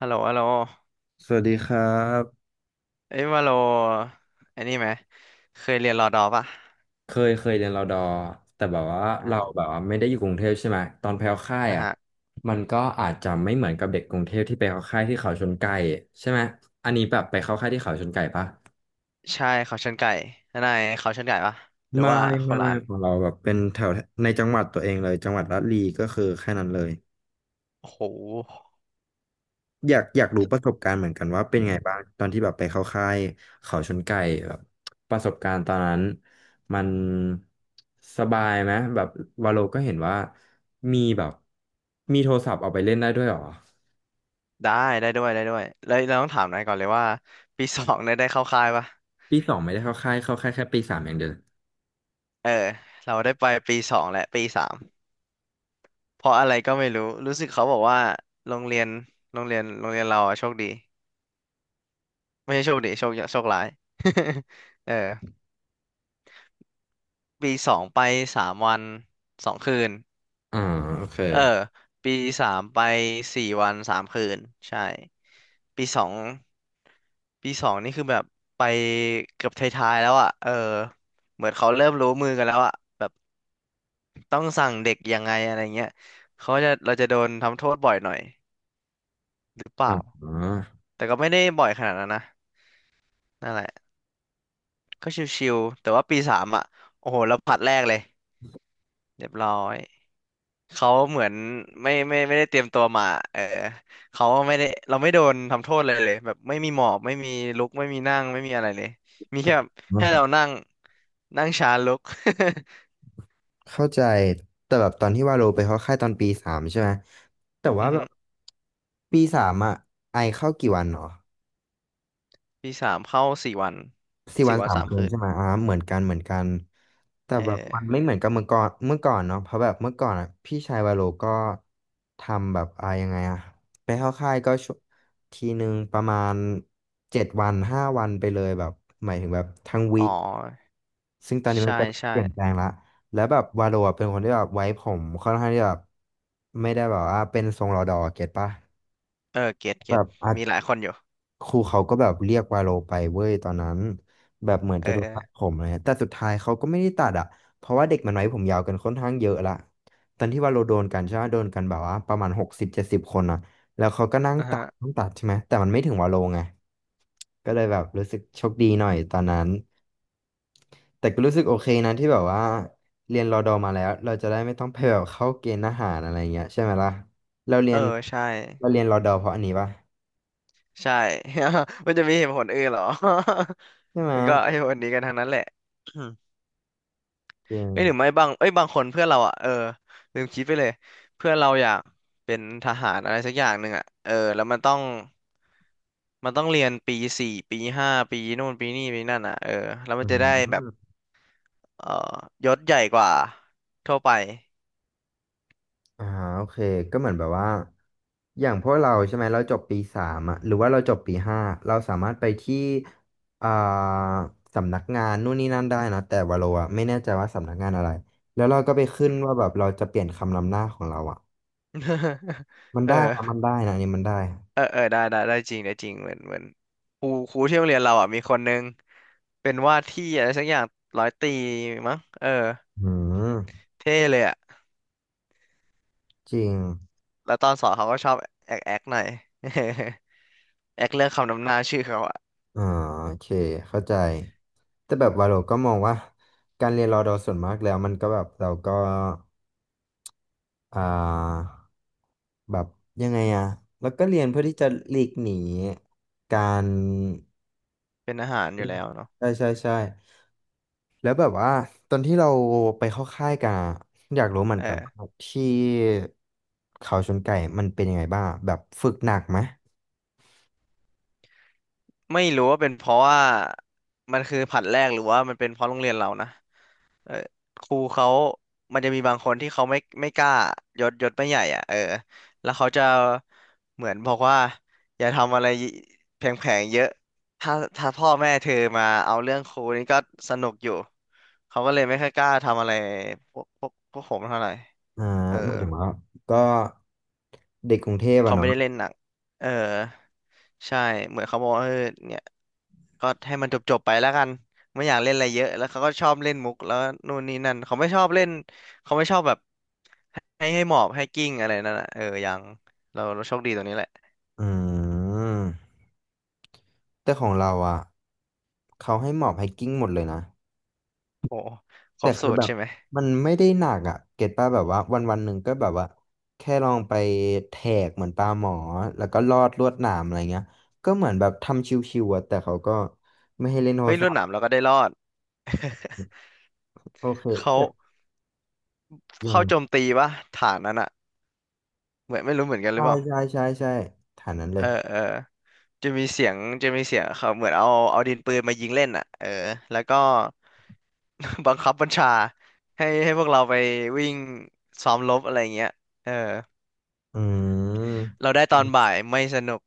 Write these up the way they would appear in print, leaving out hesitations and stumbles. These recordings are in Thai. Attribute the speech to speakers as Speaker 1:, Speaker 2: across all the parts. Speaker 1: ฮัลโหลฮัลโหล
Speaker 2: สวัสดีครับ
Speaker 1: เอ้ยว่าโลไอ้นี่ไหมเคยเรียนรอดอปะ
Speaker 2: เคยเรียนรอดอแต่แบบว่า
Speaker 1: อ่
Speaker 2: เรา
Speaker 1: า
Speaker 2: แบบว่าไม่ได้อยู่กรุงเทพใช่ไหมตอนไปเข้าค่าย
Speaker 1: อ่ะ
Speaker 2: อ่ะ
Speaker 1: ฮะ
Speaker 2: มันก็อาจจะไม่เหมือนกับเด็กกรุงเทพที่ไปเข้าค่ายที่เขาชนไก่ใช่ไหมอันนี้แบบไปเข้าค่ายที่เขาชนไก่ปะ
Speaker 1: ใช่เขาชนไก่นายเขาชนไก่ปะหรือ
Speaker 2: ไม่
Speaker 1: ว่าค
Speaker 2: ไม่
Speaker 1: นละ
Speaker 2: ไม่
Speaker 1: อัน
Speaker 2: ของเราแบบเป็นแถวในจังหวัดตัวเองเลยจังหวัดระลีก็คือแค่นั้นเลย
Speaker 1: โอ้โห
Speaker 2: อยากรู้ประสบการณ์เหมือนกันว่าเป็นไงบ้างตอนที่แบบไปเข้าค่ายเขาชนไก่แบบประสบการณ์ตอนนั้นมันสบายไหมแบบวาโลก็เห็นว่ามีแบบมีโทรศัพท์เอาไปเล่นได้ด้วยเหรอ
Speaker 1: ได้ได้ด้วยได้ด้วยแล้วเราต้องถามนายก่อนเลยว่าปีสองเนี่ยได้เข้าค่ายปะ
Speaker 2: ปีสองไม่ได้เข้าค่ายเข้าค่ายแค่ปีสามอย่างเดียว
Speaker 1: เออเราได้ไปปีสองและปีสามเพราะอะไรก็ไม่รู้รู้สึกเขาบอกว่าโรงเรียนเราอะโชคดีไม่ใช่โชคดีโชคร้าย เออปีสองไปสามวันสองคืน
Speaker 2: อ่าโอเค
Speaker 1: เออปีสามไปสี่วันสามคืนใช่ปีสองปีสองนี่คือแบบไปเกือบท้ายๆแล้วอ่ะเออเหมือนเขาเริ่มรู้มือกันแล้วอ่ะแบบต้องสั่งเด็กยังไงอะไรเงี้ยเขาจะเราจะโดนทำโทษบ่อยหน่อยหรือเป
Speaker 2: อ่
Speaker 1: ล่า
Speaker 2: า
Speaker 1: แต่ก็ไม่ได้บ่อยขนาดนั้นนะนั่นแหละก็ชิวๆแต่ว่าปีสามอ่ะโอ้โหเราผลัดแรกเลยเรียบร้อย เขาเหมือนไม่ได้เตรียมตัวมาเออเขาไม่ได้เราไม่โดนทำโทษเลยแบบไม่มีหมอบไม่มีลุกไม่มีนั่งไม่มีอะไรเลยมีแค่แบบให้เรานั่งนั่งช้าลุก
Speaker 2: เข้าใจแต่แบบตอนที่วาโลไปเข้าค่ายตอนปีสามใช่ไหมแต่ ว่า
Speaker 1: อือ
Speaker 2: แบ
Speaker 1: ฮึ
Speaker 2: บปีสามอ่ะไอเข้ากี่วันเหรอ
Speaker 1: ปีสามเข้าสี่วัน
Speaker 2: สี่
Speaker 1: สี่
Speaker 2: วัน
Speaker 1: วัน
Speaker 2: สาม
Speaker 1: สาม
Speaker 2: คืน
Speaker 1: คืน
Speaker 2: ใช่ไหมอ่าเหมือนกันเหมือนกันแต่
Speaker 1: เ
Speaker 2: แบบมันไม่
Speaker 1: ออ
Speaker 2: เหมือนกับเมื่อก่อนเมื่อก่อนเนาะเพราะแบบเมื่อก่อนอ่ะพี่ชายวาโลก็ทำแบบยังไงอ่ะไปเข้าค่ายก็ทีหนึ่งประมาณ7 วัน 5 วันไปเลยแบบหมายถึงแบบทั้งวี
Speaker 1: อ๋อ
Speaker 2: คซึ่งตอนนี้มัน
Speaker 1: ใช่
Speaker 2: ก็เป
Speaker 1: ใช่
Speaker 2: ลี่ยนแปลงละแล้วแบบวาโลอะเป็นคนที่แบบไว้ผมค่อนข้างที่แบบไม่ได้แบบว่าเป็นทรงรอดอเก็ตปะ
Speaker 1: เออเก็ต
Speaker 2: แบ
Speaker 1: เก็ต
Speaker 2: บอาจ
Speaker 1: มีหลายคนอยู่
Speaker 2: ครูเขาก็แบบเรียกวาโลไปเว้ยตอนนั้นแบบเหมือน
Speaker 1: เอ
Speaker 2: จะโดนตัดผ
Speaker 1: อ
Speaker 2: มอะไรเงี้ยแต่สุดท้ายเขาก็ไม่ได้ตัดอ่ะเพราะว่าเด็กมันไว้ผมยาวกันค่อนข้างเยอะละตอนที่วาโลโดนกันใช่ไหมโดนกันแบบว่าประมาณ60-70 คนอ่ะแล้วเขาก็นั่ง
Speaker 1: อ่ะ
Speaker 2: ตั
Speaker 1: ฮะ
Speaker 2: ดต้องตัดใช่ไหมแต่มันไม่ถึงวาโลไงก็เลยแบบรู้สึกโชคดีหน่อยตอนนั้นแต่ก็รู้สึกโอเคนะที่แบบว่าเรียนรอดอมาแล้วเราจะได้ไม่ต้องไปแบบเข้าเกณฑ์ทหารอะไรเงี้ยใช่ไหมล่ะเราเรี
Speaker 1: เอ
Speaker 2: ย
Speaker 1: อ
Speaker 2: น
Speaker 1: ใช่
Speaker 2: เราเรียนรอดอเพราะอันนี้ปะ
Speaker 1: ใช่ มันจะมีเหตุผลอื่นเหรอ
Speaker 2: ใช่ไหม
Speaker 1: มันก็ไอ้ผลนี้กันทั้งนั้นแหละ
Speaker 2: จริง
Speaker 1: เอ้ยหรือไม่บางเอ้ยบางคนเพื่อนเราอ่ะเออลืมคิดไปเลยเพื่อนเราอยากเป็นทหารอะไรสักอย่างหนึ่งอ่ะเออแล้วมันต้องเรียนปีสี่ปีห้าปีนู่นปีนี่ปีนั่นอ่ะเออแล้ว
Speaker 2: อื
Speaker 1: มันจะได้แบบ
Speaker 2: ม
Speaker 1: เออยศใหญ่กว่าทั่วไป
Speaker 2: อ่าโอเคก็เหมือนแบบว่าอย่างพวกเราใช่ไหมเราจบปีสามอะหรือว่าเราจบปีห้าเราสามารถไปที่อ่าสำนักงานนู่นนี่นั่นได้นะแต่ว่าเราอะไม่แน่ใจว่าสำนักงานอะไรแล้วเราก็ไปขึ้นว่าแบบเราจะเปลี่ยนคำนำหน้าของเราอะ มัน
Speaker 1: เออ
Speaker 2: ได้อะมันได้นะอันนี้มันได้อะ
Speaker 1: เออเออได้ได้ได้จริงได้จริงเหมือนครูที่โรงเรียนเราอ่ะมีคนนึงเป็นว่าที่อะไรสักอย่างร้อยตรีมั้งเออ
Speaker 2: อืม
Speaker 1: เท่เลยอ่ะ
Speaker 2: จริง
Speaker 1: แล้วตอนสอนเขาก็ชอบแอกหน่อย แอคเลือกคำนำหน้าชื่อเขาอะ
Speaker 2: อ่าโอเคเข้าใจแต่แบบว่าเราก็มองว่าการเรียนรอดอส่วนมากแล้วมันก็แบบเราก็ อ่าแบบยังไงอะแล้วก็เรียนเพื่อที่จะหลีกหนีการ
Speaker 1: เป็นอาหารอยู่แล้วเนาะ
Speaker 2: ใช่ใช่ใช่แล้วแบบว่าตอนที่เราไปเข้าค่ายกันอะอยากรู้เหมือน
Speaker 1: เอ
Speaker 2: กัน
Speaker 1: อ
Speaker 2: ว่าที่เขาชนไก่มันเป็นยังไงบ้างแบบฝึกหนักไหม
Speaker 1: ไม่รู้ว่าเป็นเพราะว่ามันคือผัดแรกหรือว่ามันเป็นเพราะโรงเรียนเรานะเออครูเขามันจะมีบางคนที่เขาไม่กล้ายศไม่ใหญ่อ่ะเออแล้วเขาจะเหมือนบอกว่าอย่าทำอะไรแผลงๆเยอะถ้าถ้าพ่อแม่เธอมาเอาเรื่องครูนี่ก็สนุกอยู่เขาก็เลยไม่ค่อยกล้าทำอะไรพวกผมเท่าไหร่
Speaker 2: อ่า
Speaker 1: เออ
Speaker 2: หมายถึงว่าก็เด็กกรุงเทพอะ
Speaker 1: เขาไม่
Speaker 2: เนาะ
Speaker 1: ได้เล่นหนังเออใช่เหมือนเขาบอกว่าเออเนี่ยก็ให้มันจบจบไปแล้วกันไม่อยากเล่นอะไรเยอะแล้วเขาก็ชอบเล่นมุกแล้วนู่นนี่นั่นเขาไม่ชอบเล่นเขาไม่ชอบแบบให้หมอบให้กิ้งอะไรนั่นอ่ะเออยังเราโชคดีตรงนี้แหละ
Speaker 2: อืมแต่ของเราอะเขาให้หมอบไฮกิ้งหมดเลยนะ
Speaker 1: โอ้คร
Speaker 2: แต่
Speaker 1: บสู
Speaker 2: คือ
Speaker 1: ต
Speaker 2: แบ
Speaker 1: ร
Speaker 2: บ
Speaker 1: ใช่ไหม
Speaker 2: มันไม่ได้หนักอ่ะเก็ตป่ะแบบว่าวันวันหนึ่งก็แบบว่าแค่ลองไปแทกเหมือนปลาหมอแล้วก็ลอดลวดหนามอะไรเงี้ยก็เหมือนแบบทำชิวๆอะแต่เขาก็ไม่ให้เล่นโทร
Speaker 1: เฮ้ยร
Speaker 2: ศั
Speaker 1: วน
Speaker 2: พ
Speaker 1: ห
Speaker 2: ท์
Speaker 1: นามเราก็ได้รอด
Speaker 2: โอเค
Speaker 1: เขา
Speaker 2: แบบอย่า
Speaker 1: เข้า
Speaker 2: ง
Speaker 1: โจมตีปะฐานนั้นอ่ะเหมือนไม่รู้เหมือนกันหรื
Speaker 2: ใช่
Speaker 1: อเป
Speaker 2: ใช่
Speaker 1: ล่า
Speaker 2: ใช่ใช่ฐานนั้นเล
Speaker 1: เอ
Speaker 2: ย
Speaker 1: อเออ จะมีเสียงจะมีเสียงเขาเหมือนเอาดินปืนมายิงเล่นอ่ะเออแล้วก็ บังคับบัญชาให้พวกเราไปวิ่งซ้อมรบอะไรเงี้ยเออ
Speaker 2: อืม
Speaker 1: เราได้ตอนบ่ายไม่สนุก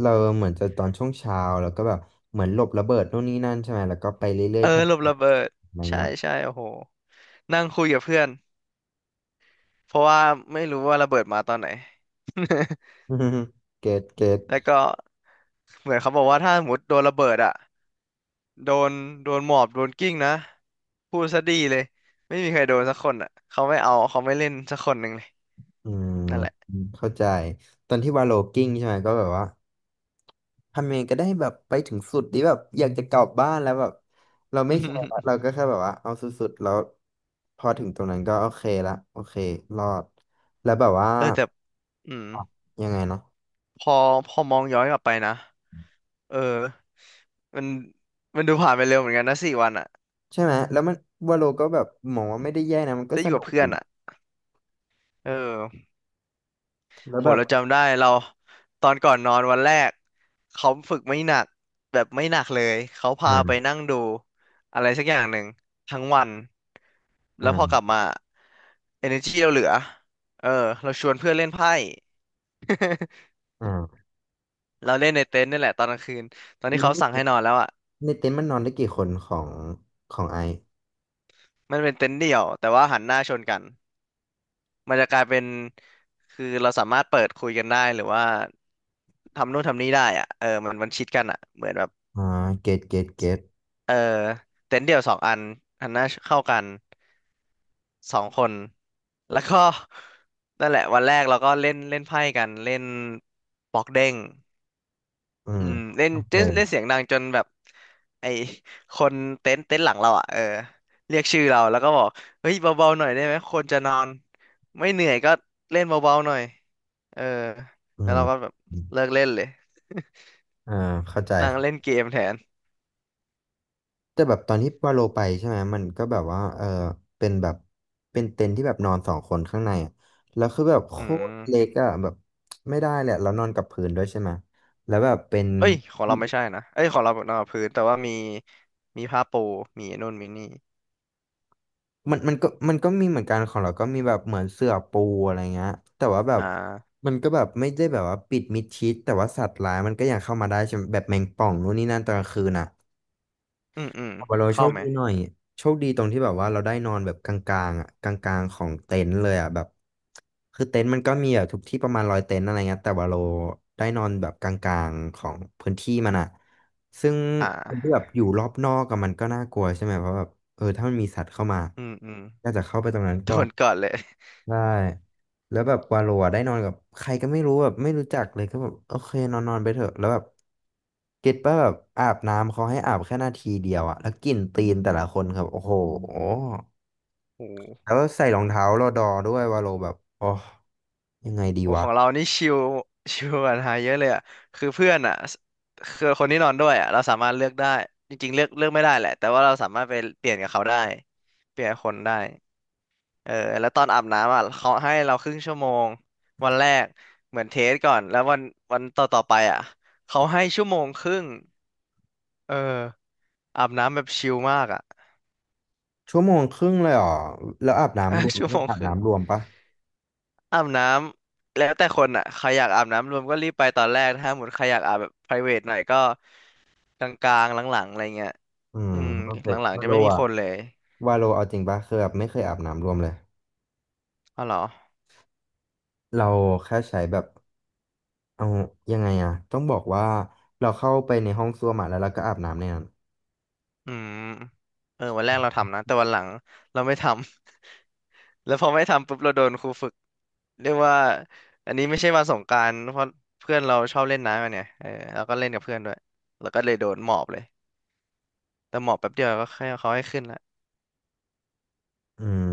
Speaker 2: เราเหมือนจะตอนช่วงเช้าแล้วก็แบบเหมือนหลบระเบิดนู่นนี่นั่นใช่ไหมแล้วก็ไปเรื่อ
Speaker 1: เอ
Speaker 2: ย
Speaker 1: อ
Speaker 2: ๆแทน
Speaker 1: หลบระเบิด
Speaker 2: อะไร
Speaker 1: ใช่
Speaker 2: เงี้ย
Speaker 1: ใช่โอ้โหนั่งคุยกับเพื่อนเพราะว่าไม่รู้ว่าระเบิดมาตอนไหน
Speaker 2: เกตเก
Speaker 1: แล้ว
Speaker 2: ต
Speaker 1: ก็เหมือนเขาบอกว่าถ้าสมมติโดนระเบิดอ่ะ โดนโดนหมอบโดนกิ้งนะพูดซะดีเลยไม่มีใครโดนสักคนอ่ะเขาไม่เอาเขาไม่เล่นสักคนหนึ่งเลย
Speaker 2: อืม
Speaker 1: นั่นแหละ
Speaker 2: เข้าใจตอนที่วาโลกิ้งใช่ไหมก็แบบว่า ทำยังไงก็ได้แบบไปถึงสุดที่แบบอยากจะกลับบ้านแล้วแบบเรา ไม่
Speaker 1: อื
Speaker 2: แคร์ละ
Speaker 1: ม
Speaker 2: เราก็แค่แบบว่าเอาสุดๆแล้วพอถึงตรงนั้นก็โอเคละโอเครอดแล้วแบบว่า
Speaker 1: เออแต่อืม
Speaker 2: อ่ะยังไงเนาะ
Speaker 1: พอพอมองย้อนกลับไปนะเออมันมันดูผ่านไปเร็วเหมือนกันนะสี่วันอ่ะ
Speaker 2: ใช่ไหมแล้วมันวาโลก็แบบมองว่าไม่ได้แย่นะมันก็
Speaker 1: ได้อ
Speaker 2: ส
Speaker 1: ยู่
Speaker 2: นุ
Speaker 1: กับ
Speaker 2: ก
Speaker 1: เพื่อ
Speaker 2: ดี
Speaker 1: นอ่ะเออ
Speaker 2: แล้ว
Speaker 1: โห
Speaker 2: แบบ
Speaker 1: เราจำได้เราตอนก่อนนอนวันแรกเขาฝึกไม่หนักแบบไม่หนักเลยเขาพาไปนั่
Speaker 2: อ่า
Speaker 1: งดูอะไรสักอย่างหนึ่งทั้งวันแล้วพอกลั
Speaker 2: อ่า
Speaker 1: บมา energy เราเหลือเออเราชวนเพื่อนเล่นไพ่
Speaker 2: อ่า
Speaker 1: เราเล่นในเต็นท์นี่แหละตอนกลางคืนตอนที่
Speaker 2: แล้
Speaker 1: เขา
Speaker 2: ว
Speaker 1: สั่งให้นอนแล้วอ่ะ
Speaker 2: ในเต็นท์มันนอนได้กี่คนของไอ
Speaker 1: มันเป็นเต็นท์เดี่ยวแต่ว่าหันหน้าชนกันมันจะกลายเป็นคือเราสามารถเปิดคุยกันได้หรือว่าทำนู่นทำนี่ได้อ่ะเออมันชิดกันอ่ะเหมือนแบบ
Speaker 2: อ่าเกตเกตเกต
Speaker 1: เออเต็นท์เดี่ยวสองอันอันน่าเข้ากันสองคนแล้วก็ นั่นแหละวันแรกเราก็เล่นเล่นไพ่กันเล่นบอกเด้ง
Speaker 2: อื
Speaker 1: อื
Speaker 2: ม
Speaker 1: มเล่น
Speaker 2: โอ
Speaker 1: เล่นเล่
Speaker 2: เค
Speaker 1: นเสียงดังจนแบบไอคนเต็นท์หลังเราอ่ะเออเรียกชื่อเราแล้วก็บอกเฮ้ยเบาๆหน่อยได้ไหมคนจะนอนไม่เหนื่อยก็เล่นเบาๆหน่อยเออ
Speaker 2: อื
Speaker 1: แล้ว
Speaker 2: ม
Speaker 1: เราก็แบบ
Speaker 2: อืม
Speaker 1: เลิกเล่นเลย
Speaker 2: อ่าเข้าใจ
Speaker 1: นั่งเล่นเกมแทน
Speaker 2: แต่แบบตอนที่วาโลไปใช่ไหมมันก็แบบว่าเออเป็นแบบเป็นเต็นท์ที่แบบนอน2 คนข้างในอะแล้วคือแบบโค
Speaker 1: อื
Speaker 2: ตรเล็ก
Speaker 1: ม
Speaker 2: อะแบบไม่ได้แหละแล้วนอนกับพื้นด้วยใช่ไหมแล้วแบบเป็น
Speaker 1: เอ้ยของเราไม่ใช่นะเอ้ยของเรานอนพื้นแต่ว่ามีผ้าปูมีไอ้นู่นมีนี่
Speaker 2: มันมันก็มันก็มีเหมือนกันของเราก็มีแบบเหมือนเสื่อปูอะไรเงี้ยแต่ว่าแบบ
Speaker 1: อ่า
Speaker 2: มันก็แบบไม่ได้แบบว่าปิดมิดชิดแต่ว่าสัตว์ร้ายมันก็ยังเข้ามาได้ใช่ไหมแบบแมงป่องนู่นนี่นั่นตอนกลางคืนอะ
Speaker 1: อืมอืม
Speaker 2: แต่ว่าเราโช
Speaker 1: เข้า
Speaker 2: ค
Speaker 1: ไหม
Speaker 2: ดีหน่อยโชคดีตรงที่แบบว่าเราได้นอนแบบกลางๆอ่ะกลางๆของเต็นท์เลยอ่ะแบบคือเต็นท์มันก็มีแบบทุกที่ประมาณ100 เต็นท์อะไรเงี้ยแต่ว่าเราได้นอนแบบกลางๆของพื้นที่มันอ่ะซึ่ง
Speaker 1: อ่
Speaker 2: คนที่
Speaker 1: า
Speaker 2: แบบอยู่รอบนอกอะมันก็น่ากลัวใช่ไหมเพราะแบบเออถ้ามันมีสัตว์เข้ามา
Speaker 1: อืมอืม
Speaker 2: ก็จะเข้าไปตรงนั้น
Speaker 1: โด
Speaker 2: ก่อน
Speaker 1: นก่อนเลย
Speaker 2: ได้ แล้วแบบวาโลอะได้นอนกับใครก็ไม่รู้แบบไม่รู้จักเลยก็แบบโอเคนอนนอนไปเถอะแล้วแบบเก็ตป่ะแบบอาบน้ำเขาให้อาบแค่นาทีเดียวอะแล้วกลิ่นตีนแต่ละคนครับโอ้โห
Speaker 1: โอ้โห
Speaker 2: แล้วใส่รองเท้ารอดอด้วยวาโลแบบโอ้ยังไงดี
Speaker 1: โอ้ข
Speaker 2: วะ
Speaker 1: องเรานี่ชิวชิลกว่าไทายเยอะเลยอ่ะคือเพื่อนอ่ะสคือคนที่นอนด้วยอ่ะเราสามารถเลือกได้ จริงๆเลือกไม่ได้แหละแต่ว่าเราสามารถไปเปลี่ยนกับเขาได้เปลี่ยนคนได้เออแล้วตอนอาบน้ำอ่ะเขาให้เราครึ่งชั่วโมงวันแรกเหมือนเทสก่อนแล้ววันต่อไปอ่ะเขาให้ชั่วโมงครึ่ง เอออาบน้ำแบบชิลมากอ่ะ
Speaker 2: ชั่วโมงครึ่งเลยเหรอแล้วอาบน้ำรวม
Speaker 1: ชั่ว
Speaker 2: ก็
Speaker 1: โมง
Speaker 2: อา
Speaker 1: ค
Speaker 2: บ
Speaker 1: รึ่ง
Speaker 2: น้ำรวมปะ
Speaker 1: อาบน้ำแล้วแต่คนอ่ะใครอยากอาบน้ำรวมก็รีบไปตอนแรกถ้าหมดใครอยากอาบแบบ private หน่อยก็กลางๆหลังๆอะไรเงี้ย
Speaker 2: อืม
Speaker 1: อืม
Speaker 2: โอเค
Speaker 1: หลังๆ
Speaker 2: วา
Speaker 1: จะ
Speaker 2: โล
Speaker 1: ไม่มี
Speaker 2: อะ
Speaker 1: คนเลย
Speaker 2: วาโลเอาจริงปะคือแบบไม่เคยอาบน้ำรวมเลย
Speaker 1: อ๋อเหรอ
Speaker 2: เราแค่ใช้แบบ เอายังไงอะต้องบอกว่าเราเข้าไปในห้องส้วมอะแล้วเราก็อาบน้ำในนั้น
Speaker 1: อืมเออวันแรกเราทำนะแต่วันหลังเราไม่ทำ แล้วพอไม่ทำปุ๊บเราโดนครูฝึกเรียกว่าอันนี้ไม่ใช่วันสงกรานต์เพราะเพื่อนเราชอบเล่นน้ำกันเนี่ยเออแล้วก็เล่นกับเพื่อนด้วยแล้วก็เลยโดนหมอบเลยแต่หมอบแป๊บเดียวก็ให้เขาให้ขึ้นละ
Speaker 2: อืม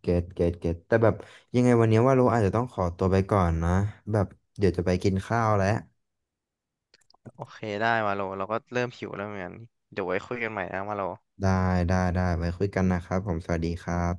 Speaker 2: เก็ตเกตเกตแต่แบบยังไงวันนี้ว่าเราอาจจะต้องขอตัวไปก่อนนะแบบเดี๋ยวจะไปกินข้าวแล้ว
Speaker 1: โอเคได้มาโลเราก็เริ่มหิวแล้วเหมือนกันเดี๋ยวไว้คุยกันใหม่นะมาโล
Speaker 2: ได้ได้ได้ไว้คุยกันนะครับผมสวัสดีครับ